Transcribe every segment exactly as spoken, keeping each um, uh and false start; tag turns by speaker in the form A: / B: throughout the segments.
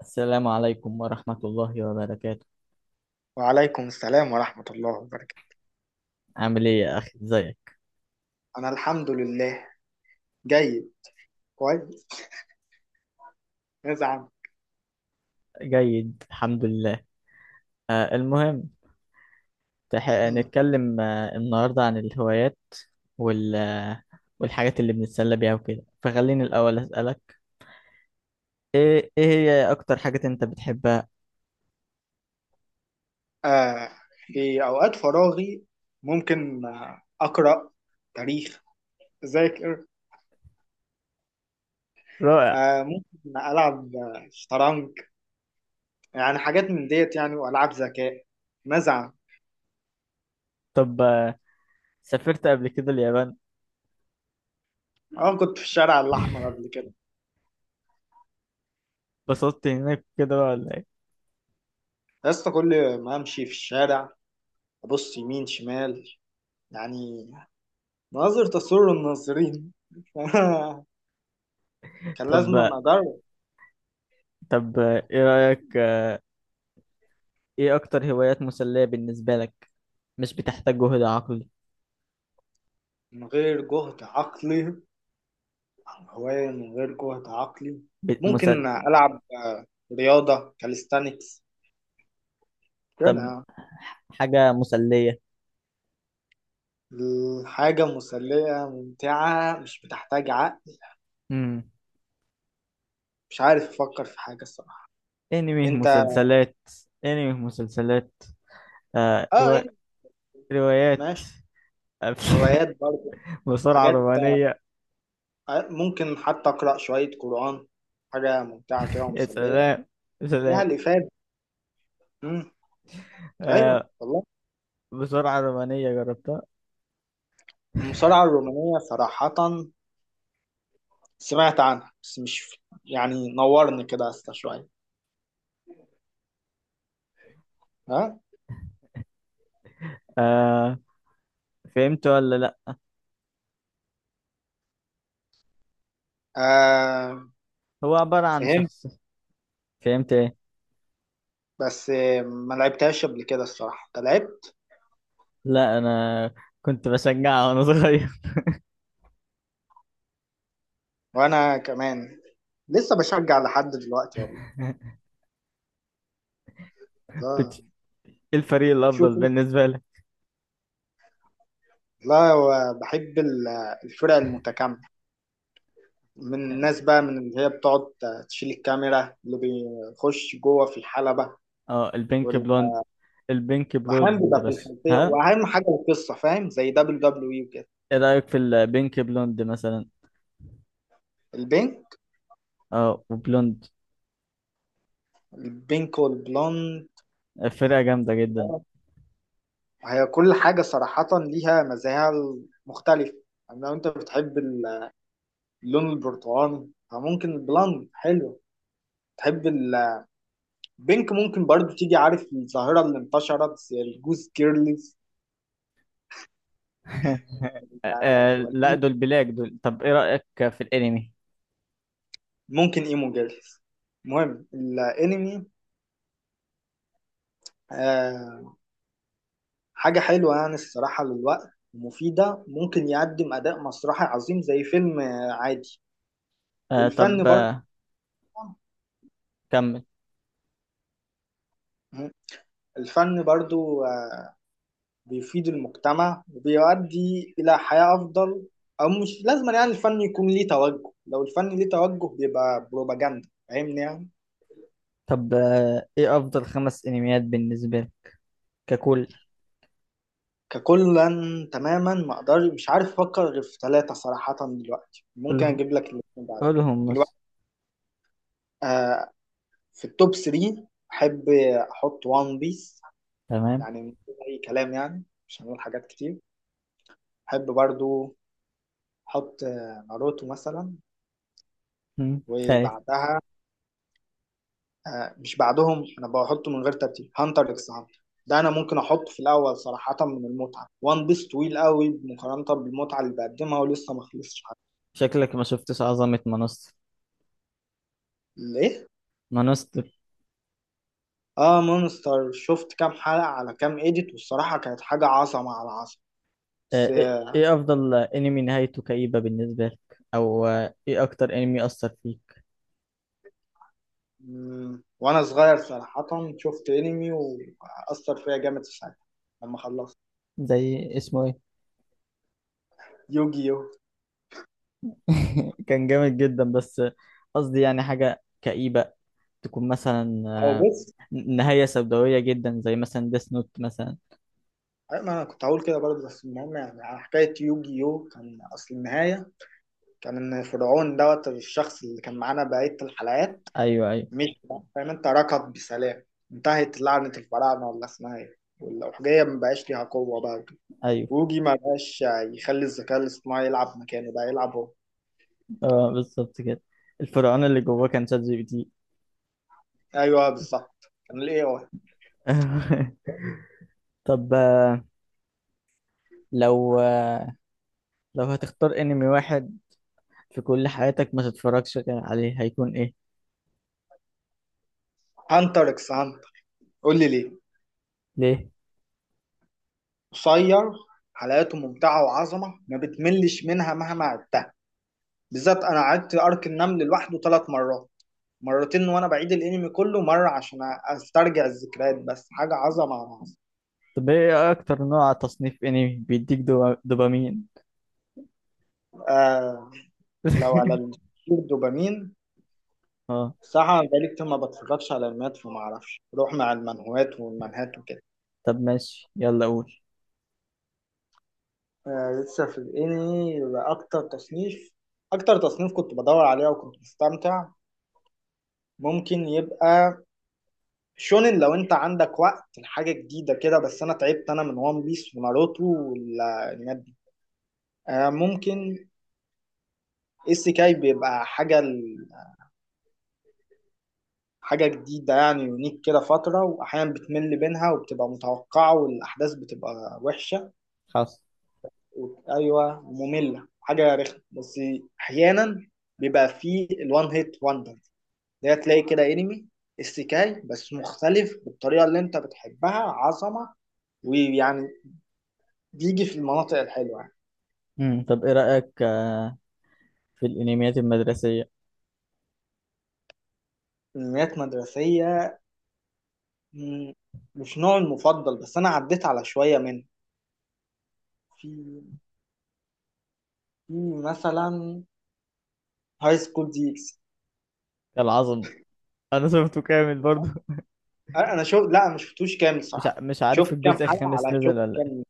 A: السلام عليكم ورحمة الله وبركاته.
B: وعليكم السلام ورحمة الله وبركاته.
A: عامل ايه يا اخي، ازيك؟
B: أنا الحمد لله. جيد. كويس. نزعم.
A: جيد الحمد لله. آه المهم، تح... نتكلم آه النهاردة عن الهوايات وال... آه، والحاجات اللي بنتسلى بيها وكده، فخليني الاول اسألك: ايه ايه هي اكتر حاجة انت بتحبها؟
B: آه في أوقات فراغي ممكن آه، أقرأ تاريخ. أذاكر.
A: رائع.
B: آه ممكن ألعب آه، شطرنج. يعني حاجات من ديت يعني، وألعاب ذكاء. نزعم.
A: طب آه سافرت قبل كده اليابان؟
B: أه، كنت في الشارع الأحمر قبل كده.
A: اتبسطت هناك كده بقى ولا ايه؟
B: بس كل ما أمشي في الشارع أبص يمين شمال، يعني مناظر تسر الناظرين. كان
A: طب
B: لازم
A: آه،
B: أدرب.
A: طب آه، ايه رأيك، آه، ايه اكتر هوايات مسلية بالنسبة لك؟ مش بتحتاج جهد عقلي؟
B: من غير جهد عقلي، هواية من غير جهد عقلي
A: ب-
B: ممكن
A: مسل...
B: ألعب آه، رياضة كاليستانكس
A: طب،
B: كده.
A: حاجة مسلية.
B: الحاجة مسلية ممتعة مش بتحتاج عقل.
A: امم
B: مش عارف أفكر في حاجة الصراحة.
A: انمي،
B: أنت.
A: مسلسلات. انمي، مسلسلات. آه
B: آه
A: روا...
B: أنت.
A: روايات.
B: ماشي.
A: أف-
B: روايات برضه.
A: بسرعة،
B: حاجات.
A: رومانية.
B: آه، ممكن حتى أقرأ شوية قرآن، حاجة ممتعة كده
A: يا
B: ومسلية،
A: سلام، يا
B: ليها
A: سلام.
B: الإفادة. مم. أيوه
A: آه
B: والله.
A: بسرعة رومانية جربتها؟
B: المصارعة الرومانية صراحة سمعت عنها، بس مش يعني نورني كده استا شوية. ها.
A: آه فهمت ولا لا؟
B: آه.
A: هو عبارة عن
B: فهمت.
A: شخص. فهمت ايه؟
B: بس آه، ما لعبتهاش قبل كده الصراحة. انت لعبت؟
A: لا، انا كنت بشجعها وانا صغير.
B: وانا كمان لسه بشجع لحد دلوقتي والله. لا.
A: بت... إيه الفريق الافضل
B: شوفوا.
A: بالنسبة لك؟
B: لا، هو بحب ال- الفرق المتكاملة من الناس بقى، من اللي هي بتقعد تشيل الكاميرا اللي بيخش جوه في الحلبة
A: اه، البينك
B: وال-
A: بلوند. البينك
B: واحيانا
A: بلود،
B: بيبقى في
A: بس
B: الخلفية،
A: ها.
B: واهم حاجة القصة، فاهم زي دبليو دبليو اي وكده.
A: ايه رأيك في البينك بلوند مثلا؟
B: البينك.
A: اه، وبلوند.
B: البينك والبلوند.
A: فرقة جامدة جدا.
B: هي كل حاجة صراحة ليها مزاياها المختلفة. يعني لو انت بتحب ال- اللون البرتقاني فممكن البلاند حلو. تحب البينك، ممكن برضو تيجي، عارف الظاهرة اللي انتشرت زي الجوز كيرلز وال-
A: آه لا،
B: والإيم-
A: دول بلاك دول. طب ايه رأيك في الانمي؟
B: ممكن ايمو جيرلز. المهم الانمي. آه حاجة حلوة يعني الصراحة، للوقت مفيدة، ممكن يقدم أداء مسرحي عظيم زي فيلم آه، عادي.
A: آه
B: والفن
A: طب
B: برضو.
A: آه كمل.
B: الفن برضو آه، بيفيد المجتمع وبيؤدي إلى حياة أفضل. أو مش لازم يعني الفن يكون ليه توجه، لو الفن ليه توجه بيبقى بروباجندا، فاهمني يعني.
A: طب، آه ايه افضل خمس انميات بالنسبة لك ككل؟
B: ككلا تماما ما أقدر، مش عارف أفكر غير في ثلاثة صراحة دلوقتي، ممكن
A: كلهم،
B: أجيب لك الاثنين بعدين.
A: كلهم
B: دلوقتي،
A: مصر.
B: آه في التوب ثري أحب أحط وان بيس،
A: تمام.
B: يعني من غير أي كلام يعني، مش هنقول حاجات كتير. أحب برضو أحط آه، ناروتو مثلا.
A: مم. خير.
B: وبعدها آه، مش بعدهم، انا بحطه من غير ترتيب، هانتر اكس هانتر. ده انا ممكن احطه في الاول صراحه من المتعه. وان بيس طويل قوي مقارنه بالمتعه اللي بقدمها ولسه ما خلصش حاجه.
A: شكلك ما شفتش عظمة مانستر.
B: ليه؟
A: مانستر.
B: اه مونستر، شفت كام حلقه على كام ايديت، والصراحه كانت حاجه عظمه على عظمه. بس
A: آه ايه
B: آه،
A: إيه افضل انمي نهايته كئيبة بالنسبة لك، او آه ايه اكتر انمي اثر فيك؟
B: مم، وانا صغير صراحه شفت انمي واثر فيا جامد في ساعتها لما خلصت.
A: زي اسمه.
B: يوجي يو.
A: كان جامد جدا، بس قصدي يعني حاجة كئيبة، تكون مثلا
B: او
A: آه،
B: بص.
A: نهاية سوداوية جدا، زي مثلا ديس نوت مثلا.
B: أيوة، ما انا كنت هقول كده برضه. بس المهم يعني، على حكايه يوجي يو، كان اصل النهايه كان فرعون دوت، الشخص اللي كان معانا بقية الحلقات،
A: ايوه، ايوه،
B: مش فاهم، انت ركض بسلام، انتهت لعنة الفراعنة ولا اسمها ايه، والأحجية ما بقاش ليها قوة بقى وكده.
A: ايوه.
B: ووجي ما بقاش يخلي الذكاء الاصطناعي يلعب مكانه، بقى يلعب هو.
A: اه، بالظبط كده. الفرعون اللي جواه كان شات جي بي تي.
B: ايوه بالظبط، كان الاي اي.
A: طب، آه، لو آه، لو هتختار انمي واحد في كل حياتك ما تتفرجش عليه، هيكون ايه؟
B: هانتر اكس هانتر. قول لي ليه.
A: ليه؟
B: قصير، حلقاته ممتعة وعظمة، ما بتملش منها مهما عدتها. بالذات انا عدت ارك النمل لوحده ثلاث مرات، مرتين وانا بعيد الانمي كله مره، عشان استرجع الذكريات، بس حاجه عظمه على عظمه.
A: طب ايه اكتر نوع تصنيف انمي بيديك دو- دوبامين؟
B: آه. لو على الدوبامين،
A: اه.
B: صراحه بقالي كتير ما بتفرجش على المات، فما اعرفش، بروح مع المنهوات والمنهات وكده.
A: طب ماشي، يلا قول.
B: آه، لسه في الانمي. اكتر تصنيف، اكتر تصنيف كنت بدور عليها وكنت بستمتع ممكن يبقى شونن، لو انت عندك وقت لحاجه جديده كده، بس انا تعبت انا من وان بيس وناروتو والانميات دي. آه ممكن السيكاي بيبقى حاجة ال- حاجة جديدة يعني، يونيك كده فترة، وأحيانا بتمل بينها وبتبقى متوقعة والأحداث بتبقى وحشة
A: حصل.
B: و... أيوة، مملة حاجة رخمة، بس أحيانا بيبقى فيه الوان هيت وندر. ده تلاقي كده أنمي استيكاي بس مختلف بالطريقة اللي أنت بتحبها، عظمة، ويعني بيجي في المناطق الحلوة يعني.
A: مم. طب ايه رأيك آه، في الانميات المدرسية؟
B: أنميات مدرسية. مم، مش نوعي المفضل، بس أنا عديت على شوية منه. في. في. مثلا هاي سكول دي إكس.
A: العظم؟ انا شفته كامل برضو.
B: انا أنا شوف، لا، أنا ما شفتوش كامل
A: مش
B: الصراحه.
A: ع- مش عارف
B: شفت كام
A: الجزء
B: حلقه،
A: الخامس
B: على شوف
A: نزل ولا
B: كام.
A: ايه.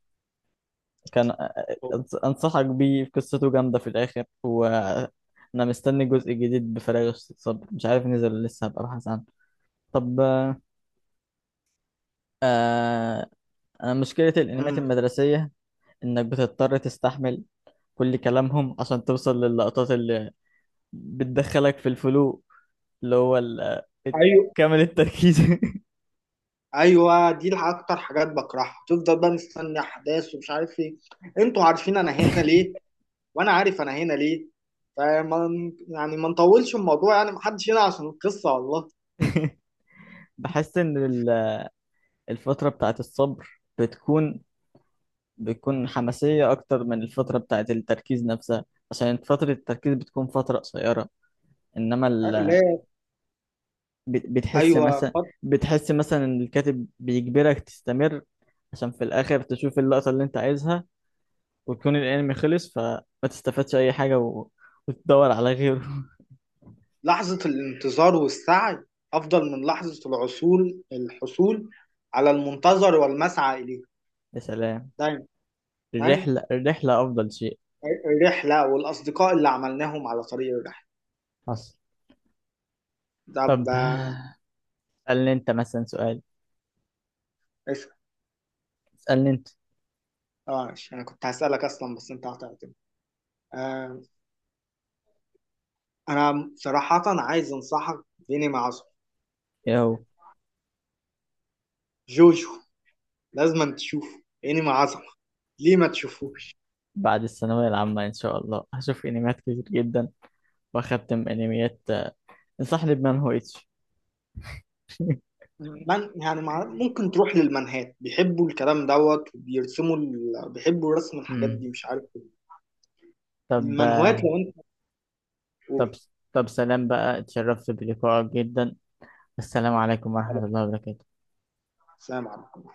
A: كان آه، أنص- انصحك بيه، قصته جامدة في الاخر، وانا مستني جزء جديد بفراغ الصبر، مش عارف نزل ولا لسه هبقى ابحث عنه. طب آه آه، أنا مشكلة الانميات
B: مم.
A: المدرسية انك بتضطر تستحمل كل كلامهم عشان توصل للقطات اللي بتدخلك في الفلو، اللي هو ال- آه،
B: ايوه
A: كامل التركيز.
B: ايوه، دي الح- اكتر حاجات بكرهها، تفضل بقى مستني احداث ومش عارف ايه. انتوا عارفين انا هنا ليه، وانا عارف انا هنا ليه، فما يعني ما نطولش الموضوع يعني، محدش هنا عشان القصه والله.
A: بحس ان ال- الفترة بتاعت الصبر بتكون بتكون حماسية اكتر من الفترة بتاعت التركيز نفسها، عشان فترة التركيز بتكون فترة قصيرة، انما
B: أ-
A: ال...
B: لا.
A: بت- بتحس
B: ايوه
A: مثلا
B: فت-
A: بتحس مثلا ان الكاتب بيجبرك تستمر عشان في الاخر تشوف اللقطة اللي انت عايزها، ويكون الانمي خلص فما تستفادش اي حاجة و... وتدور على غيره.
B: لحظه الانتظار والسعي افضل من لحظه العصول الحصول على المنتظر والمسعى اليه.
A: يا سلام.
B: دايما.
A: الرحلة، الرحلة افضل شيء.
B: الرحلة والأصدقاء اللي عملناهم على طريق الرحلة.
A: حصل.
B: ده ب-
A: طب اسألني انت مثلا سؤال.
B: اسأل.
A: اسألني انت.
B: اه ماشي، أنا كنت هسألك أصلا بس أنت هتعتمد. آه أنا صراحة عايز أنصحك بإنمي عظمة،
A: ايه هو؟
B: جوجو. لازم تشوفه، إنمي عظمة، ليه ما تشوفوش؟
A: بعد الثانوية العامة إن شاء الله هشوف أنميات كتير جدا وأختم أنميات. انصحني بمان هو إتش.
B: من يعني مع... ممكن تروح للمنهات، بيحبوا الكلام دوت وبيرسموا ال... بيحبوا رسم الحاجات
A: امم
B: دي، مش عارف ليه.
A: طب
B: المنهوات،
A: آه،
B: لو أنت
A: طب
B: قول.
A: طب سلام بقى، اتشرفت بلقائك جدا. السلام
B: ماشي.
A: عليكم
B: سلام.
A: ورحمة الله وبركاته.
B: سلام عليكم.